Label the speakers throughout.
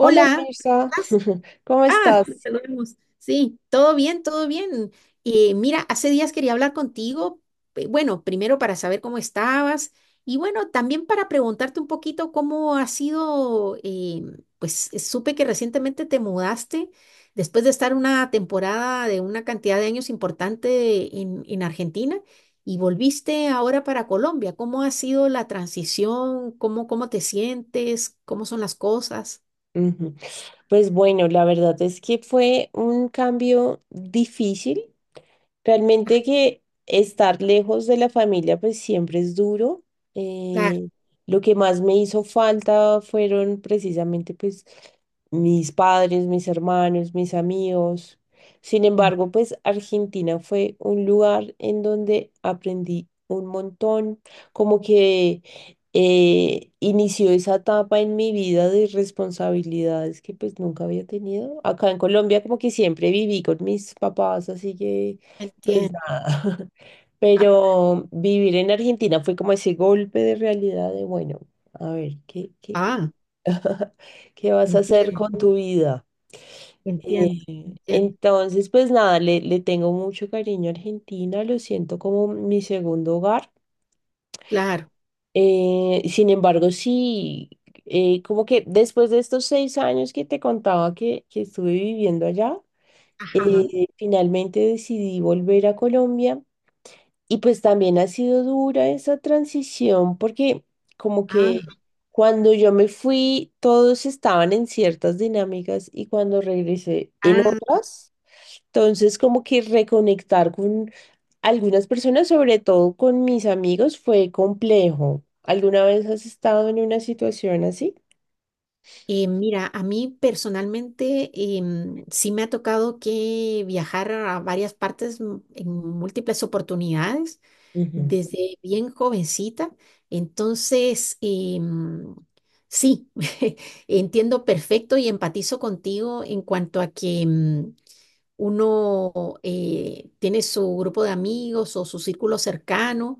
Speaker 1: Hola Mirza,
Speaker 2: ¿estás?
Speaker 1: ¿cómo
Speaker 2: Ah, nos
Speaker 1: estás?
Speaker 2: saludamos. Sí, todo bien, todo bien. Mira, hace días quería hablar contigo. Bueno, primero para saber cómo estabas y bueno, también para preguntarte un poquito cómo ha sido, pues supe que recientemente te mudaste después de estar una temporada de una cantidad de años importante en Argentina y volviste ahora para Colombia. ¿Cómo ha sido la transición? ¿Cómo te sientes? ¿Cómo son las cosas?
Speaker 1: Ujú. Pues bueno, la verdad es que fue un cambio difícil. Realmente, que estar lejos de la familia pues siempre es duro.
Speaker 2: Claro.
Speaker 1: Eh, lo que más me hizo falta fueron precisamente pues mis padres, mis hermanos, mis amigos. Sin
Speaker 2: Mm.
Speaker 1: embargo, pues Argentina fue un lugar en donde aprendí un montón, como que inició esa etapa en mi vida de responsabilidades que pues nunca había tenido. Acá en Colombia como que siempre viví con mis papás, así que pues
Speaker 2: Entiendo.
Speaker 1: nada, pero vivir en Argentina fue como ese golpe de realidad de, bueno, a ver, ¿qué, qué,
Speaker 2: Ah,
Speaker 1: qué vas a hacer
Speaker 2: entiendo,
Speaker 1: con tu vida?
Speaker 2: entiendo, entiendo.
Speaker 1: Entonces, pues nada, le tengo mucho cariño a Argentina, lo siento como mi segundo hogar.
Speaker 2: Claro.
Speaker 1: Sin embargo, sí, como que después de estos 6 años que te contaba que estuve viviendo allá,
Speaker 2: Ajá.
Speaker 1: finalmente decidí volver a Colombia. Y pues también ha sido dura esa transición porque, como que,
Speaker 2: Ah,
Speaker 1: cuando yo me fui todos estaban en ciertas dinámicas y cuando regresé en
Speaker 2: ah.
Speaker 1: otras. Entonces como que reconectar con algunas personas, sobre todo con mis amigos, fue complejo. ¿Alguna vez has estado en una situación así?
Speaker 2: Mira, a mí personalmente sí me ha tocado que viajar a varias partes en múltiples oportunidades
Speaker 1: Ujú.
Speaker 2: desde bien jovencita. Entonces, sí. Entiendo perfecto y empatizo contigo en cuanto a que uno tiene su grupo de amigos o su círculo cercano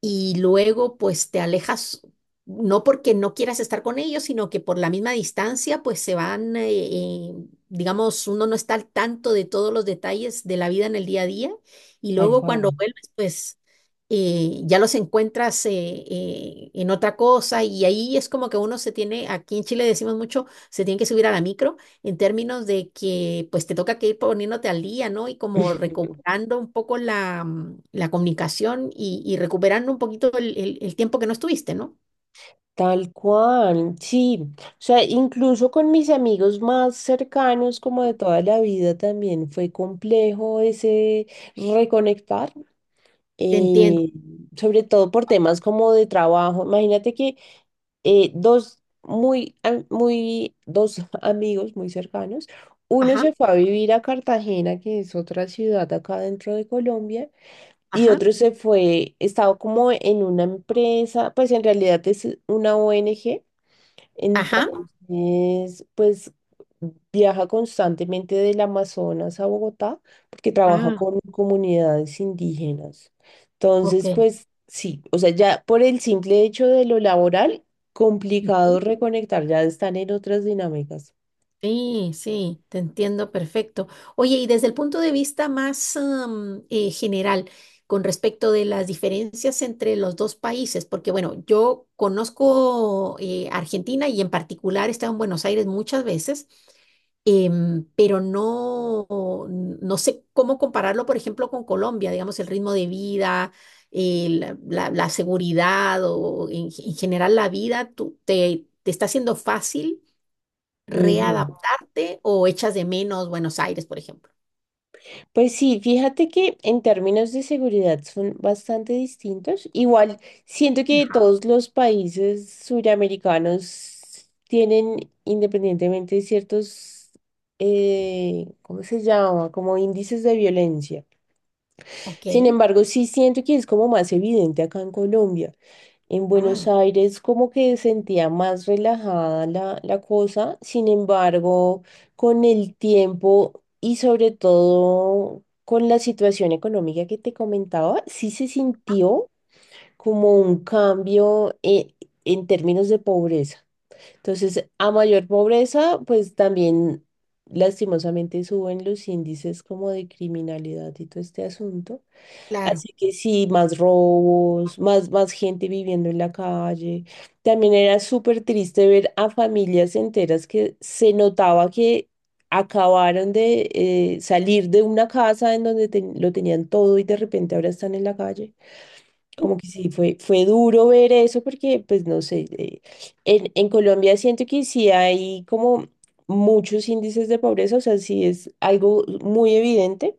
Speaker 2: y luego pues te alejas, no porque no quieras estar con ellos, sino que por la misma distancia pues se van, digamos, uno no está al tanto de todos los detalles de la vida en el día a día y
Speaker 1: Tal
Speaker 2: luego
Speaker 1: cual.
Speaker 2: cuando vuelves pues. Ya los encuentras en otra cosa y ahí es como que uno se tiene, aquí en Chile decimos mucho, se tiene que subir a la micro en términos de que pues te toca que ir poniéndote al día, ¿no? Y como recuperando un poco la comunicación y recuperando un poquito el tiempo que no estuviste, ¿no?
Speaker 1: Tal cual, sí. O sea, incluso con mis amigos más cercanos, como de toda la vida, también fue complejo ese reconectar,
Speaker 2: Te entiendo.
Speaker 1: eh, sobre todo por temas como de trabajo. Imagínate que dos amigos muy cercanos, uno
Speaker 2: Ajá,
Speaker 1: se fue a vivir a Cartagena, que es otra ciudad acá dentro de Colombia. Y
Speaker 2: ajá,
Speaker 1: otro se fue, estaba como en una empresa, pues en realidad es una ONG,
Speaker 2: ajá.
Speaker 1: entonces, pues viaja constantemente del Amazonas a Bogotá porque trabaja
Speaker 2: Ah,
Speaker 1: con comunidades indígenas.
Speaker 2: ok.
Speaker 1: Entonces, pues sí, o sea, ya por el simple hecho de lo laboral, complicado reconectar, ya están en otras dinámicas.
Speaker 2: Sí, sí, te entiendo perfecto. Oye, y desde el punto de vista más general, con respecto de las diferencias entre los dos países, porque bueno, yo conozco Argentina y en particular he estado en Buenos Aires muchas veces, pero no, no sé cómo compararlo, por ejemplo, con Colombia, digamos, el ritmo de vida, la seguridad o en general la vida, ¿te está siendo fácil
Speaker 1: Ujú.
Speaker 2: readaptarte o echas de menos Buenos Aires, por ejemplo?
Speaker 1: Pues sí, fíjate que en términos de seguridad son bastante distintos. Igual, siento que todos los países suramericanos tienen independientemente ciertos, ¿cómo se llama? Como índices de violencia.
Speaker 2: Ok.
Speaker 1: Sin embargo, sí siento que es como más evidente acá en Colombia. En Buenos
Speaker 2: Ah,
Speaker 1: Aires como que sentía más relajada la cosa. Sin embargo, con el tiempo y sobre todo con la situación económica que te comentaba, sí se sintió como un cambio en términos de pobreza. Entonces, a mayor pobreza, pues también lastimosamente suben los índices como de criminalidad y todo este asunto.
Speaker 2: claro.
Speaker 1: Así que sí, más robos, más, más gente viviendo en la calle. También era súper triste ver a familias enteras que se notaba que acabaron de salir de una casa en donde lo tenían todo y de repente ahora están en la calle.
Speaker 2: Uh.
Speaker 1: Como que sí, fue, fue duro ver eso porque, pues no sé, en Colombia siento que sí hay como muchos índices de pobreza, o sea, sí es algo muy evidente,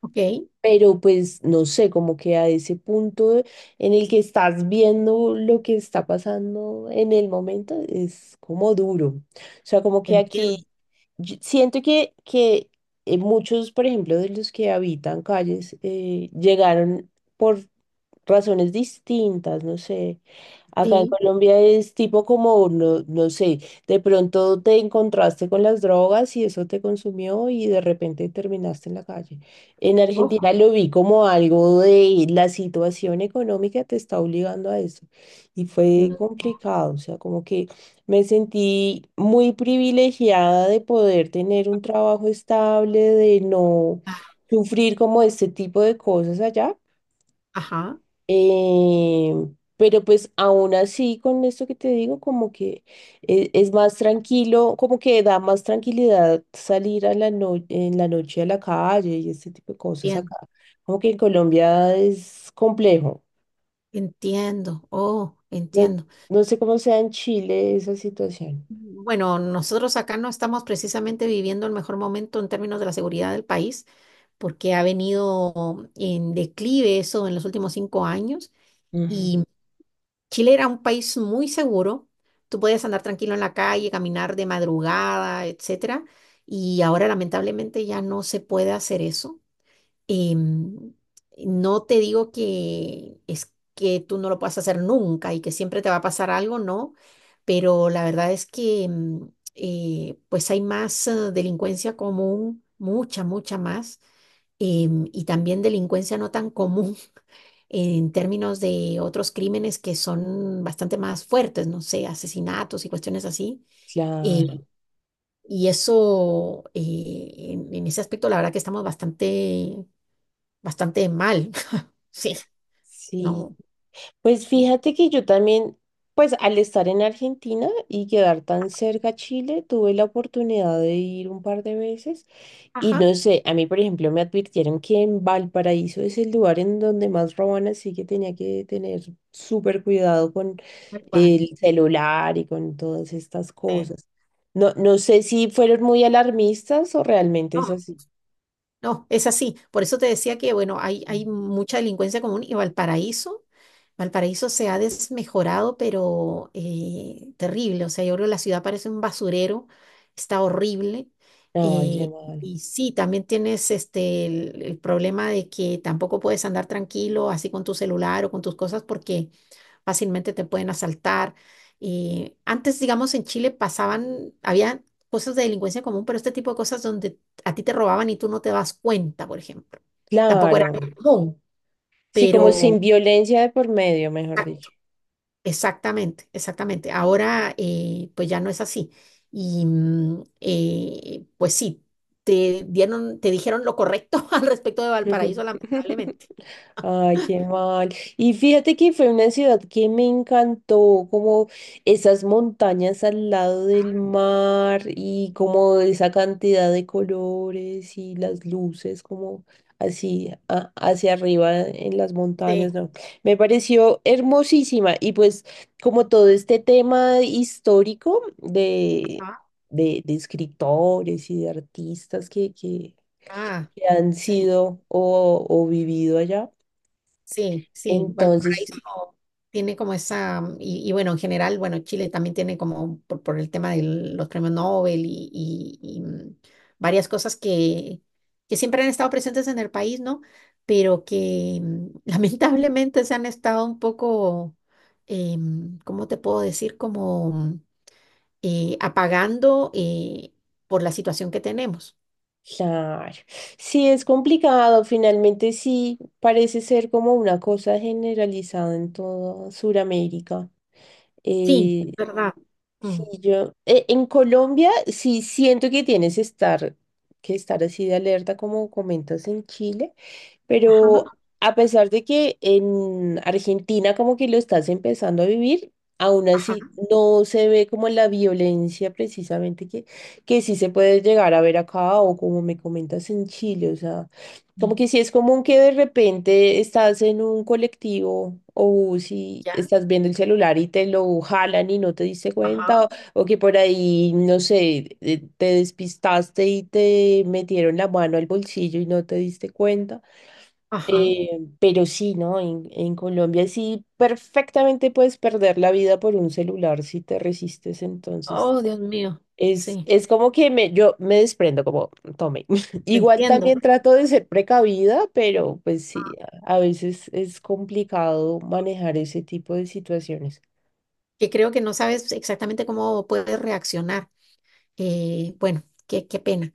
Speaker 2: Ok.
Speaker 1: pero pues no sé, como que a ese punto en el que estás viendo lo que está pasando en el momento es como duro. O sea, como que aquí
Speaker 2: Entiendo.
Speaker 1: yo siento que muchos, por ejemplo, de los que habitan calles llegaron por razones distintas, no sé. Acá en
Speaker 2: Sí.
Speaker 1: Colombia es tipo como, no, no sé, de pronto te encontraste con las drogas y eso te consumió y de repente terminaste en la calle. En
Speaker 2: Ojo.
Speaker 1: Argentina lo vi como algo de la situación económica te está obligando a eso. Y fue
Speaker 2: Mm.
Speaker 1: complicado, o sea, como que me sentí muy privilegiada de poder tener un trabajo estable, de no
Speaker 2: Ah.
Speaker 1: sufrir como este tipo de cosas allá,
Speaker 2: Ajá.
Speaker 1: eh, pero pues aún así, con esto que te digo, como que es, más tranquilo, como que da más tranquilidad salir a la en la noche a la calle y este tipo de cosas
Speaker 2: Bien.
Speaker 1: acá. Como que en Colombia es complejo.
Speaker 2: Entiendo. Oh,
Speaker 1: No,
Speaker 2: entiendo.
Speaker 1: no sé cómo sea en Chile esa situación.
Speaker 2: Bueno, nosotros acá no estamos precisamente viviendo el mejor momento en términos de la seguridad del país, porque ha venido en declive eso en los últimos cinco años.
Speaker 1: Ujú.
Speaker 2: Y Chile era un país muy seguro, tú podías andar tranquilo en la calle, caminar de madrugada, etcétera, y ahora lamentablemente ya no se puede hacer eso. Em, no te digo que es que tú no lo puedas hacer nunca y que siempre te va a pasar algo, no, pero la verdad es que pues hay más delincuencia común, mucha, mucha más, y también delincuencia no tan común en términos de otros crímenes que son bastante más fuertes, no sé, asesinatos y cuestiones así. eh,
Speaker 1: Claro.
Speaker 2: y eso, en ese aspecto, la verdad que estamos bastante, bastante mal. Sí,
Speaker 1: Sí.
Speaker 2: no.
Speaker 1: Pues fíjate que yo también, pues al estar en Argentina y quedar tan cerca a Chile, tuve la oportunidad de ir un par de veces, y
Speaker 2: Ajá.
Speaker 1: no sé, a mí por ejemplo me advirtieron que en Valparaíso es el lugar en donde más roban, así que tenía que tener súper cuidado con
Speaker 2: Tal cual,
Speaker 1: el celular y con todas estas
Speaker 2: sí.
Speaker 1: cosas. No, no sé si fueron muy alarmistas o realmente es
Speaker 2: No,
Speaker 1: así.
Speaker 2: no, es así. Por eso te decía que, bueno, hay mucha delincuencia común y Valparaíso, Valparaíso se ha desmejorado, pero terrible. O sea, yo creo que la ciudad parece un basurero, está horrible.
Speaker 1: Ay, qué
Speaker 2: eh,
Speaker 1: mal.
Speaker 2: y sí, también tienes este, el problema de que tampoco puedes andar tranquilo así con tu celular o con tus cosas porque fácilmente te pueden asaltar. Y antes, digamos, en Chile pasaban, había cosas de delincuencia común, pero este tipo de cosas donde a ti te robaban y tú no te das cuenta, por ejemplo. Tampoco era
Speaker 1: Claro.
Speaker 2: muy común,
Speaker 1: Sí, como
Speaker 2: pero
Speaker 1: sin violencia de por medio, mejor
Speaker 2: ah,
Speaker 1: dicho.
Speaker 2: exactamente, exactamente. Ahora, pues ya no es así. Y pues sí, te dijeron lo correcto al respecto de Valparaíso, lamentablemente.
Speaker 1: Ay, qué mal. Y fíjate que fue una ciudad que me encantó, como esas montañas al lado del
Speaker 2: Ah,
Speaker 1: mar y como esa cantidad de colores y las luces como así hacia arriba en las
Speaker 2: sí.
Speaker 1: montañas, ¿no? Me pareció hermosísima y pues como todo este tema histórico
Speaker 2: Ah,
Speaker 1: de escritores y de artistas
Speaker 2: ah,
Speaker 1: que han
Speaker 2: sí.
Speaker 1: sido o vivido allá.
Speaker 2: Sí, sí,
Speaker 1: Entonces,
Speaker 2: Valparaíso tiene como esa, y bueno, en general, bueno, Chile también tiene como por el tema de los premios Nobel y varias cosas que siempre han estado presentes en el país, ¿no? Pero que lamentablemente se han estado un poco, ¿cómo te puedo decir? Como apagando por la situación que tenemos.
Speaker 1: claro, sí es complicado, finalmente sí parece ser como una cosa generalizada en toda Sudamérica.
Speaker 2: Sí, es
Speaker 1: Eh,
Speaker 2: verdad.
Speaker 1: sí,
Speaker 2: Mm.
Speaker 1: yo, en Colombia sí siento que tienes que estar así de alerta como comentas en Chile.
Speaker 2: Ajá,
Speaker 1: Pero a pesar de que en Argentina como que lo estás empezando a vivir, aún
Speaker 2: ajá.
Speaker 1: así no se ve como la violencia precisamente que sí se puede llegar a ver acá o como me comentas en Chile. O sea, como
Speaker 2: Mm.
Speaker 1: que sí es común que de repente estás en un colectivo o si
Speaker 2: ¿Ya?
Speaker 1: estás viendo el celular y te lo jalan y no te diste cuenta,
Speaker 2: Ajá,
Speaker 1: o que por ahí, no sé, te despistaste y te metieron la mano al bolsillo y no te diste cuenta.
Speaker 2: ajá.
Speaker 1: Eh, pero sí, ¿no? En Colombia sí perfectamente puedes perder la vida por un celular si te resistes. Entonces,
Speaker 2: Oh, Dios mío, sí,
Speaker 1: es como que me, yo me desprendo, como tome.
Speaker 2: te
Speaker 1: Igual
Speaker 2: entiendo.
Speaker 1: también trato de ser precavida, pero pues
Speaker 2: Ah.
Speaker 1: sí, a veces es complicado manejar ese tipo de situaciones.
Speaker 2: Que creo que no sabes exactamente cómo puedes reaccionar. Bueno, qué, qué pena.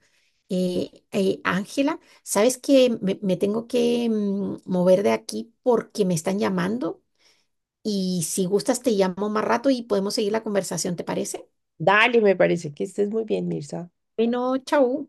Speaker 2: Ángela, sabes que me tengo que mover de aquí porque me están llamando y si gustas te llamo más rato y podemos seguir la conversación, ¿te parece?
Speaker 1: Dale, me parece, que estés muy bien, Mirza.
Speaker 2: Bueno, chau.